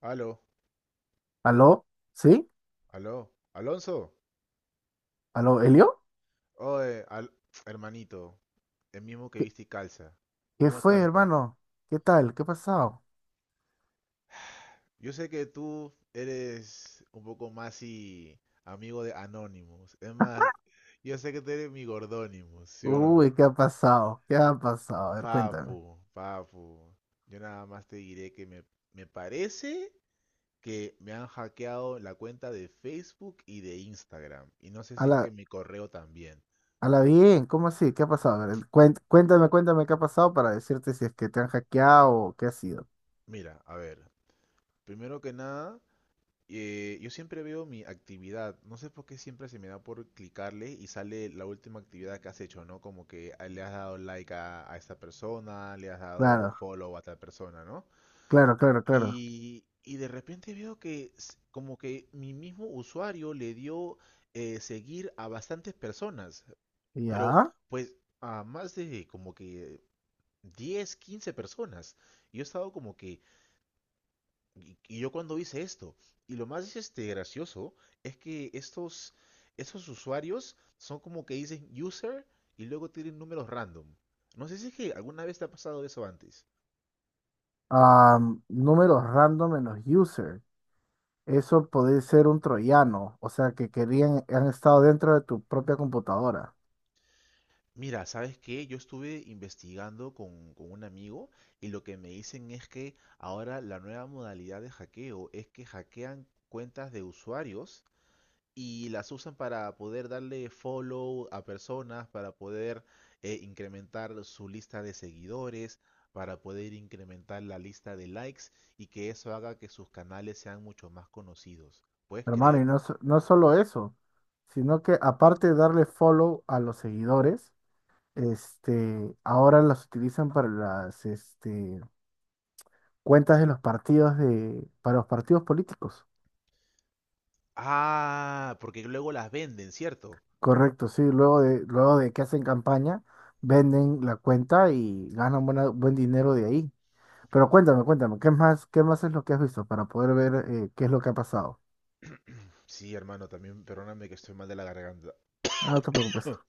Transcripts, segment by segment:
Aló, ¿Aló? ¿Sí? aló, Alonso. ¿Aló, Elio? Oye, hermanito, el mismo que ¿Qué, viste y calza. qué ¿Cómo está fue, mi papi? hermano? ¿Qué tal? ¿Qué ha pasado? Yo sé que tú eres un poco más y amigo de Anonymous. Es más, yo sé que tú eres mi Gordonymous, ¿sí o no? Uy, ¿qué ha pasado? ¿Qué ha pasado? A ver, cuéntame. Papu, papu. Yo nada más te diré que me parece que me han hackeado la cuenta de Facebook y de Instagram. Y no sé A si es la, que mi correo también. a la bien, ¿cómo así? ¿Qué ha pasado? A ver, cuéntame, cuéntame qué ha pasado para decirte si es que te han hackeado o qué ha sido. Mira, a ver, primero que nada. Yo siempre veo mi actividad. No sé por qué siempre se me da por clicarle y sale la última actividad que has hecho, ¿no? Como que ah, le has dado like a esta persona, le has dado Claro, follow a tal persona, ¿no? claro, claro, claro. Y de repente veo que como que mi mismo usuario le dio seguir a bastantes personas, pero Ya. pues a más de como que 10 15 personas. Y yo he estado como y yo cuando hice esto, y lo más este, gracioso es que estos usuarios son como que dicen user y luego tienen números random. No sé si es que alguna vez te ha pasado eso antes. Números random en los user. Eso puede ser un troyano, o sea, que querían, han estado dentro de tu propia computadora. Mira, ¿sabes qué? Yo estuve investigando con un amigo y lo que me dicen es que ahora la nueva modalidad de hackeo es que hackean cuentas de usuarios y las usan para poder darle follow a personas, para poder incrementar su lista de seguidores, para poder incrementar la lista de likes y que eso haga que sus canales sean mucho más conocidos. ¿Puedes Hermano, creer? y no, no solo eso, sino que aparte de darle follow a los seguidores, este, ahora las utilizan para las este, cuentas de los partidos de, para los partidos políticos. Ah, porque luego las venden, ¿cierto? Correcto, sí, luego de que hacen campaña, venden la cuenta y ganan buen dinero de ahí. Pero cuéntame, cuéntame, qué más es lo que has visto para poder ver qué es lo que ha pasado? Sí, hermano, también perdóname que estoy mal de la garganta. Ah, no te preocupes,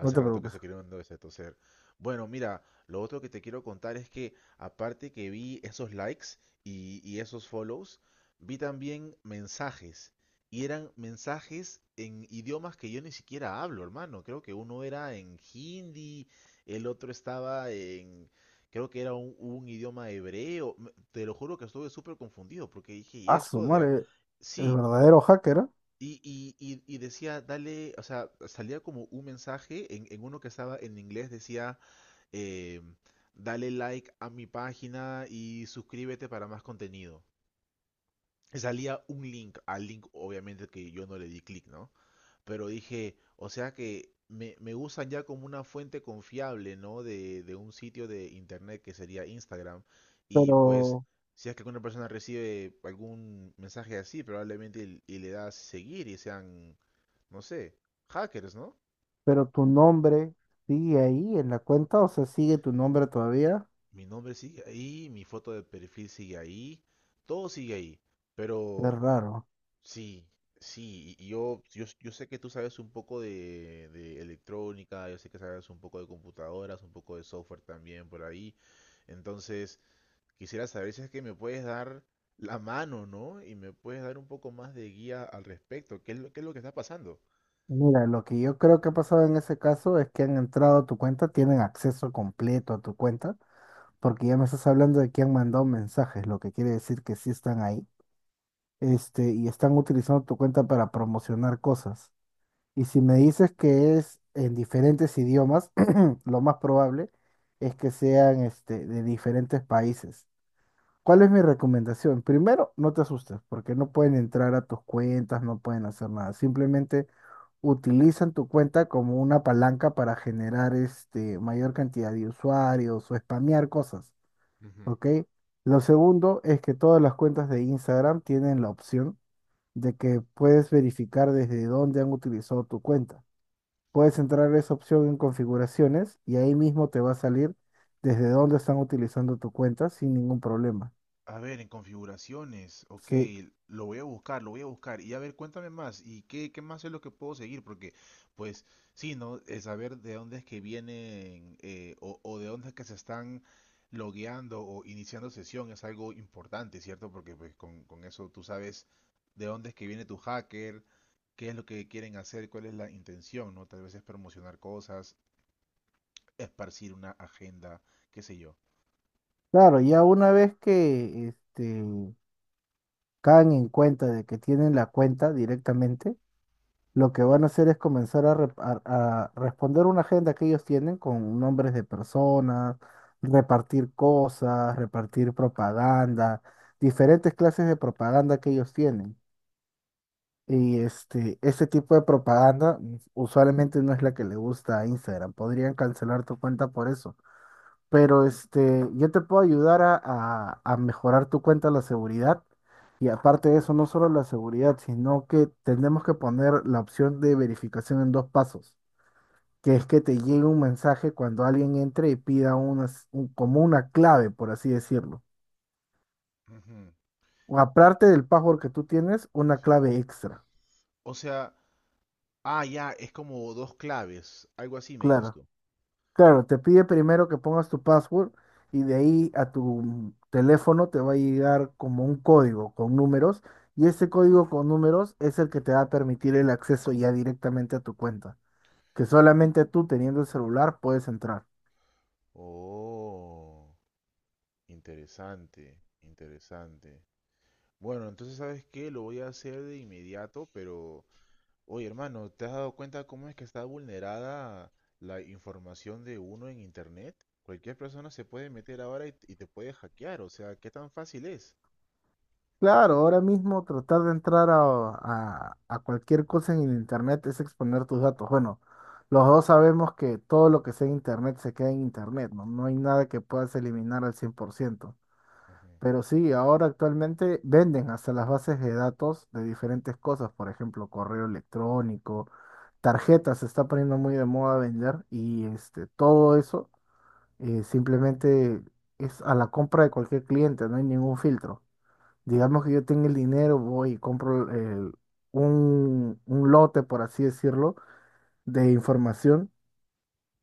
no te rato que preocupes. estoy queriendo este toser. Bueno, mira, lo otro que te quiero contar es que aparte que vi esos likes y esos follows, vi también mensajes. Y eran mensajes en idiomas que yo ni siquiera hablo, hermano. Creo que uno era en hindi, el otro estaba en... Creo que era un idioma hebreo. Me- Te lo juro que estuve súper confundido porque dije, ¿y Ah, su esto de...? A-?". madre, el Sí, verdadero hacker, ¿ah? y decía, dale, o sea, salía como un mensaje en uno que estaba en inglés, decía, eh, dale like a mi página y suscríbete para más contenido. Y salía un link, al link obviamente que yo no le di clic, ¿no? Pero dije, o sea que me usan ya como una fuente confiable, ¿no? De un sitio de internet que sería Instagram. Y pues, Pero si es que alguna persona recibe algún mensaje así, probablemente y le das seguir y sean, no sé, hackers, ¿no? Pero tu nombre sigue ahí en la cuenta, o sea, sigue tu nombre todavía. Mi nombre sigue ahí, mi foto de perfil sigue ahí, todo sigue ahí. Qué Pero raro. sí, sí, y yo sé que tú sabes un poco de electrónica, yo sé que sabes un poco de computadoras, un poco de software también por ahí. Entonces, quisiera saber si es que me puedes dar la mano, ¿no? Y me puedes dar un poco más de guía al respecto. ¿Qué es qué es lo que está pasando? Mira, lo que yo creo que ha pasado en ese caso es que han entrado a tu cuenta, tienen acceso completo a tu cuenta, porque ya me estás hablando de que han mandado mensajes, lo que quiere decir que sí están ahí, este, y están utilizando tu cuenta para promocionar cosas. Y si me dices que es en diferentes idiomas, lo más probable es que sean, este, de diferentes países. ¿Cuál es mi recomendación? Primero, no te asustes, porque no pueden entrar a tus cuentas, no pueden hacer nada. Simplemente utilizan tu cuenta como una palanca para generar este, mayor cantidad de usuarios o spamear cosas, ¿ok? Lo segundo es que todas las cuentas de Instagram tienen la opción de que puedes verificar desde dónde han utilizado tu cuenta. Puedes entrar a esa opción en configuraciones y ahí mismo te va a salir desde dónde están utilizando tu cuenta sin ningún problema. A ver, en configuraciones, ok, Sí. lo voy a buscar, lo voy a buscar. Y a ver, cuéntame más, ¿y qué más es lo que puedo seguir? Porque, pues, sí, ¿no? El saber de dónde es que vienen o de dónde es que se están logueando o iniciando sesión es algo importante, ¿cierto? Porque pues, con eso tú sabes de dónde es que viene tu hacker, qué es lo que quieren hacer, cuál es la intención, ¿no? Tal vez es promocionar cosas, esparcir una agenda, qué sé yo. Claro, ya una vez que este, caen en cuenta de que tienen la cuenta directamente, lo que van a hacer es comenzar a, a responder una agenda que ellos tienen con nombres de personas, repartir cosas, repartir propaganda, diferentes clases de propaganda que ellos tienen. Y este, ese tipo de propaganda usualmente no es la que le gusta a Instagram. Podrían cancelar tu cuenta por eso. Pero este, yo te puedo ayudar a, a mejorar tu cuenta la seguridad. Y aparte de eso, no solo la seguridad, sino que tenemos que poner la opción de verificación en dos pasos, que es que te llegue un mensaje cuando alguien entre y pida unas, como una clave, por así decirlo. Ujú. O Y aparte del password que tú tienes, una sí, clave extra. o sea, ah, ya, es como dos claves, algo así me dices Claro. tú. Claro, te pide primero que pongas tu password y de ahí a tu teléfono te va a llegar como un código con números y ese código con números es el que te va a permitir el acceso ya directamente a tu cuenta, que solamente tú teniendo el celular puedes entrar. Oh, interesante, interesante. Bueno, entonces, ¿sabes qué? Lo voy a hacer de inmediato, pero, oye, hermano, ¿te has dado cuenta cómo es que está vulnerada la información de uno en internet? Cualquier persona se puede meter ahora y te puede hackear, o sea, ¿qué tan fácil es? Claro, ahora mismo tratar de entrar a, a cualquier cosa en el internet es exponer tus datos. Bueno, los dos sabemos que todo lo que sea en internet se queda en internet, ¿no? No hay nada que puedas eliminar al 100%. Ujú. Pero sí, ahora actualmente venden hasta las bases de datos de diferentes cosas, por ejemplo, correo electrónico, tarjetas, se está poniendo muy de moda vender y este, todo eso simplemente es a la compra de cualquier cliente, no hay ningún filtro. Digamos que yo tengo el dinero, voy y compro un lote, por así decirlo, de información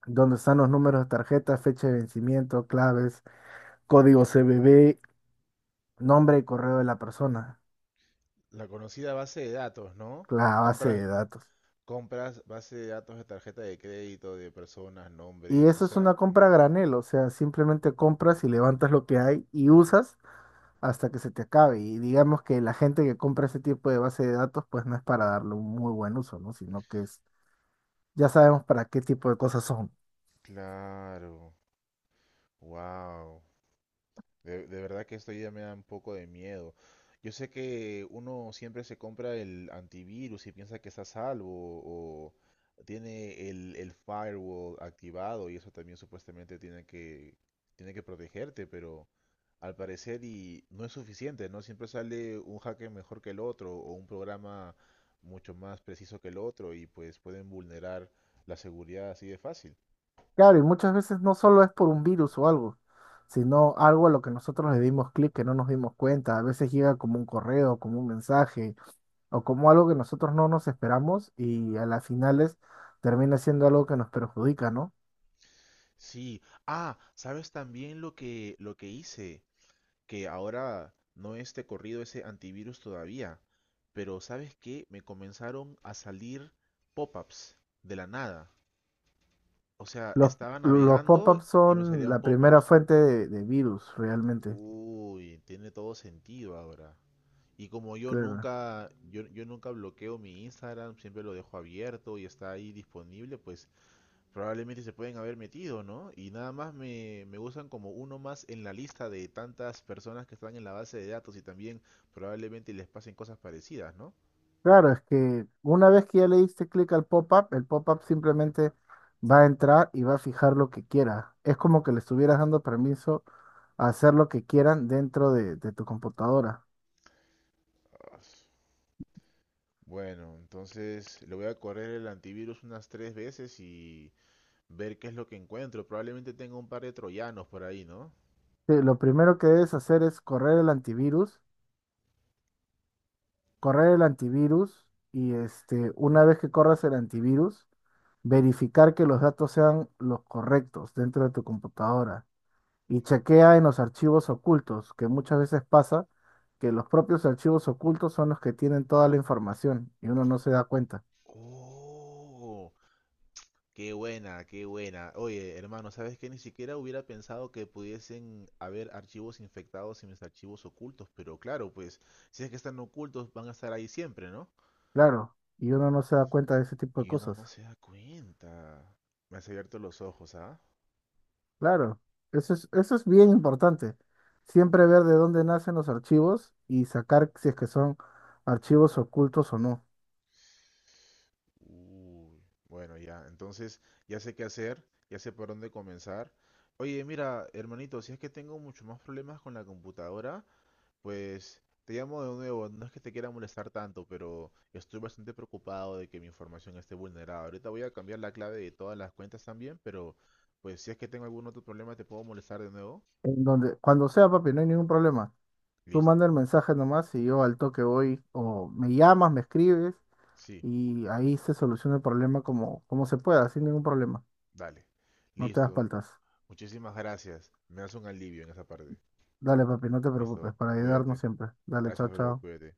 donde están los números de tarjeta, fecha de vencimiento, claves, código CBV, nombre y correo de la persona. La conocida base de datos, ¿no? La base Compras, de datos. compras base de datos de tarjeta de crédito, de personas, Y nombres, o eso es sea, una compra a granel, o sea, simplemente compras y levantas lo que hay y usas hasta que se te acabe. Y digamos que la gente que compra ese tipo de base de datos, pues no es para darle un muy buen uso, ¿no? Sino que es, ya sabemos para qué tipo de cosas son. claro, wow. De verdad que esto ya me da un poco de miedo. Yo sé que uno siempre se compra el antivirus y piensa que está a salvo o tiene el firewall activado y eso también supuestamente tiene tiene que protegerte, pero al parecer y no es suficiente, ¿no? Siempre sale un hacker mejor que el otro o un programa mucho más preciso que el otro y pues pueden vulnerar la seguridad así de fácil. Claro, y muchas veces no solo es por un virus o algo, sino algo a lo que nosotros le dimos clic que no nos dimos cuenta. A veces llega como un correo, como un mensaje, o como algo que nosotros no nos esperamos y a las finales termina siendo algo que nos perjudica, ¿no? Sí, ah, ¿sabes también lo que hice? Que ahora no esté corrido ese antivirus todavía, pero ¿sabes qué? Me comenzaron a salir pop-ups de la nada. O sea, Los, estaba los navegando pop-ups y me son salían la primera pop-ups. fuente de virus, realmente. Uy, tiene todo sentido ahora. Y como yo Claro. nunca yo, yo nunca bloqueo mi Instagram, siempre lo dejo abierto y está ahí disponible, pues probablemente se pueden haber metido, ¿no? Y nada más me usan como uno más en la lista de tantas personas que están en la base de datos y también probablemente les pasen cosas parecidas, ¿no? Claro, es que una vez que ya le diste clic al pop-up, el pop-up simplemente va a entrar y va a fijar lo que quiera. Es como que le estuvieras dando permiso a hacer lo que quieran dentro de tu computadora. Ah, bueno, entonces le voy a correr el antivirus unas 3 veces y ver qué es lo que encuentro. Probablemente tenga un par de troyanos por ahí, ¿no? Sí, lo primero que debes hacer es correr el antivirus y este, una vez que corras el antivirus, verificar que los datos sean los correctos dentro de tu computadora. Y chequea en los archivos ocultos, que muchas veces pasa que los propios archivos ocultos son los que tienen toda la información y uno no se da cuenta. Oh, qué buena, qué buena. Oye, hermano, ¿sabes qué? Ni siquiera hubiera pensado que pudiesen haber archivos infectados y mis archivos ocultos, pero claro, pues si es que están ocultos, van a estar ahí siempre, ¿no? Claro, y uno no se da cuenta de ese tipo de Y uno cosas. no se da cuenta. Me has abierto los ojos, ¿ah? Claro, eso es bien importante. Siempre ver de dónde nacen los archivos y sacar si es que son archivos ocultos o no. Uy, bueno, ya. Entonces, ya sé qué hacer, ya sé por dónde comenzar. Oye, mira, hermanito, si es que tengo mucho más problemas con la computadora, pues te llamo de nuevo, no es que te quiera molestar tanto, pero estoy bastante preocupado de que mi información esté vulnerada. Ahorita voy a cambiar la clave de todas las cuentas también, pero pues si es que tengo algún otro problema, ¿te puedo molestar de nuevo? En donde, cuando sea, papi, no hay ningún problema. Tú Listo. manda el mensaje nomás y yo al toque voy, o me llamas, me escribes Sí, y ahí se soluciona el problema como, como se pueda, sin ningún problema. dale. No te das Listo. paltas. Muchísimas gracias. Me hace un alivio en esa parte. Dale, papi, no te Listo. preocupes, para ayudarnos Cuídate. siempre. Dale, chao, Gracias, bro. chao. Cuídate.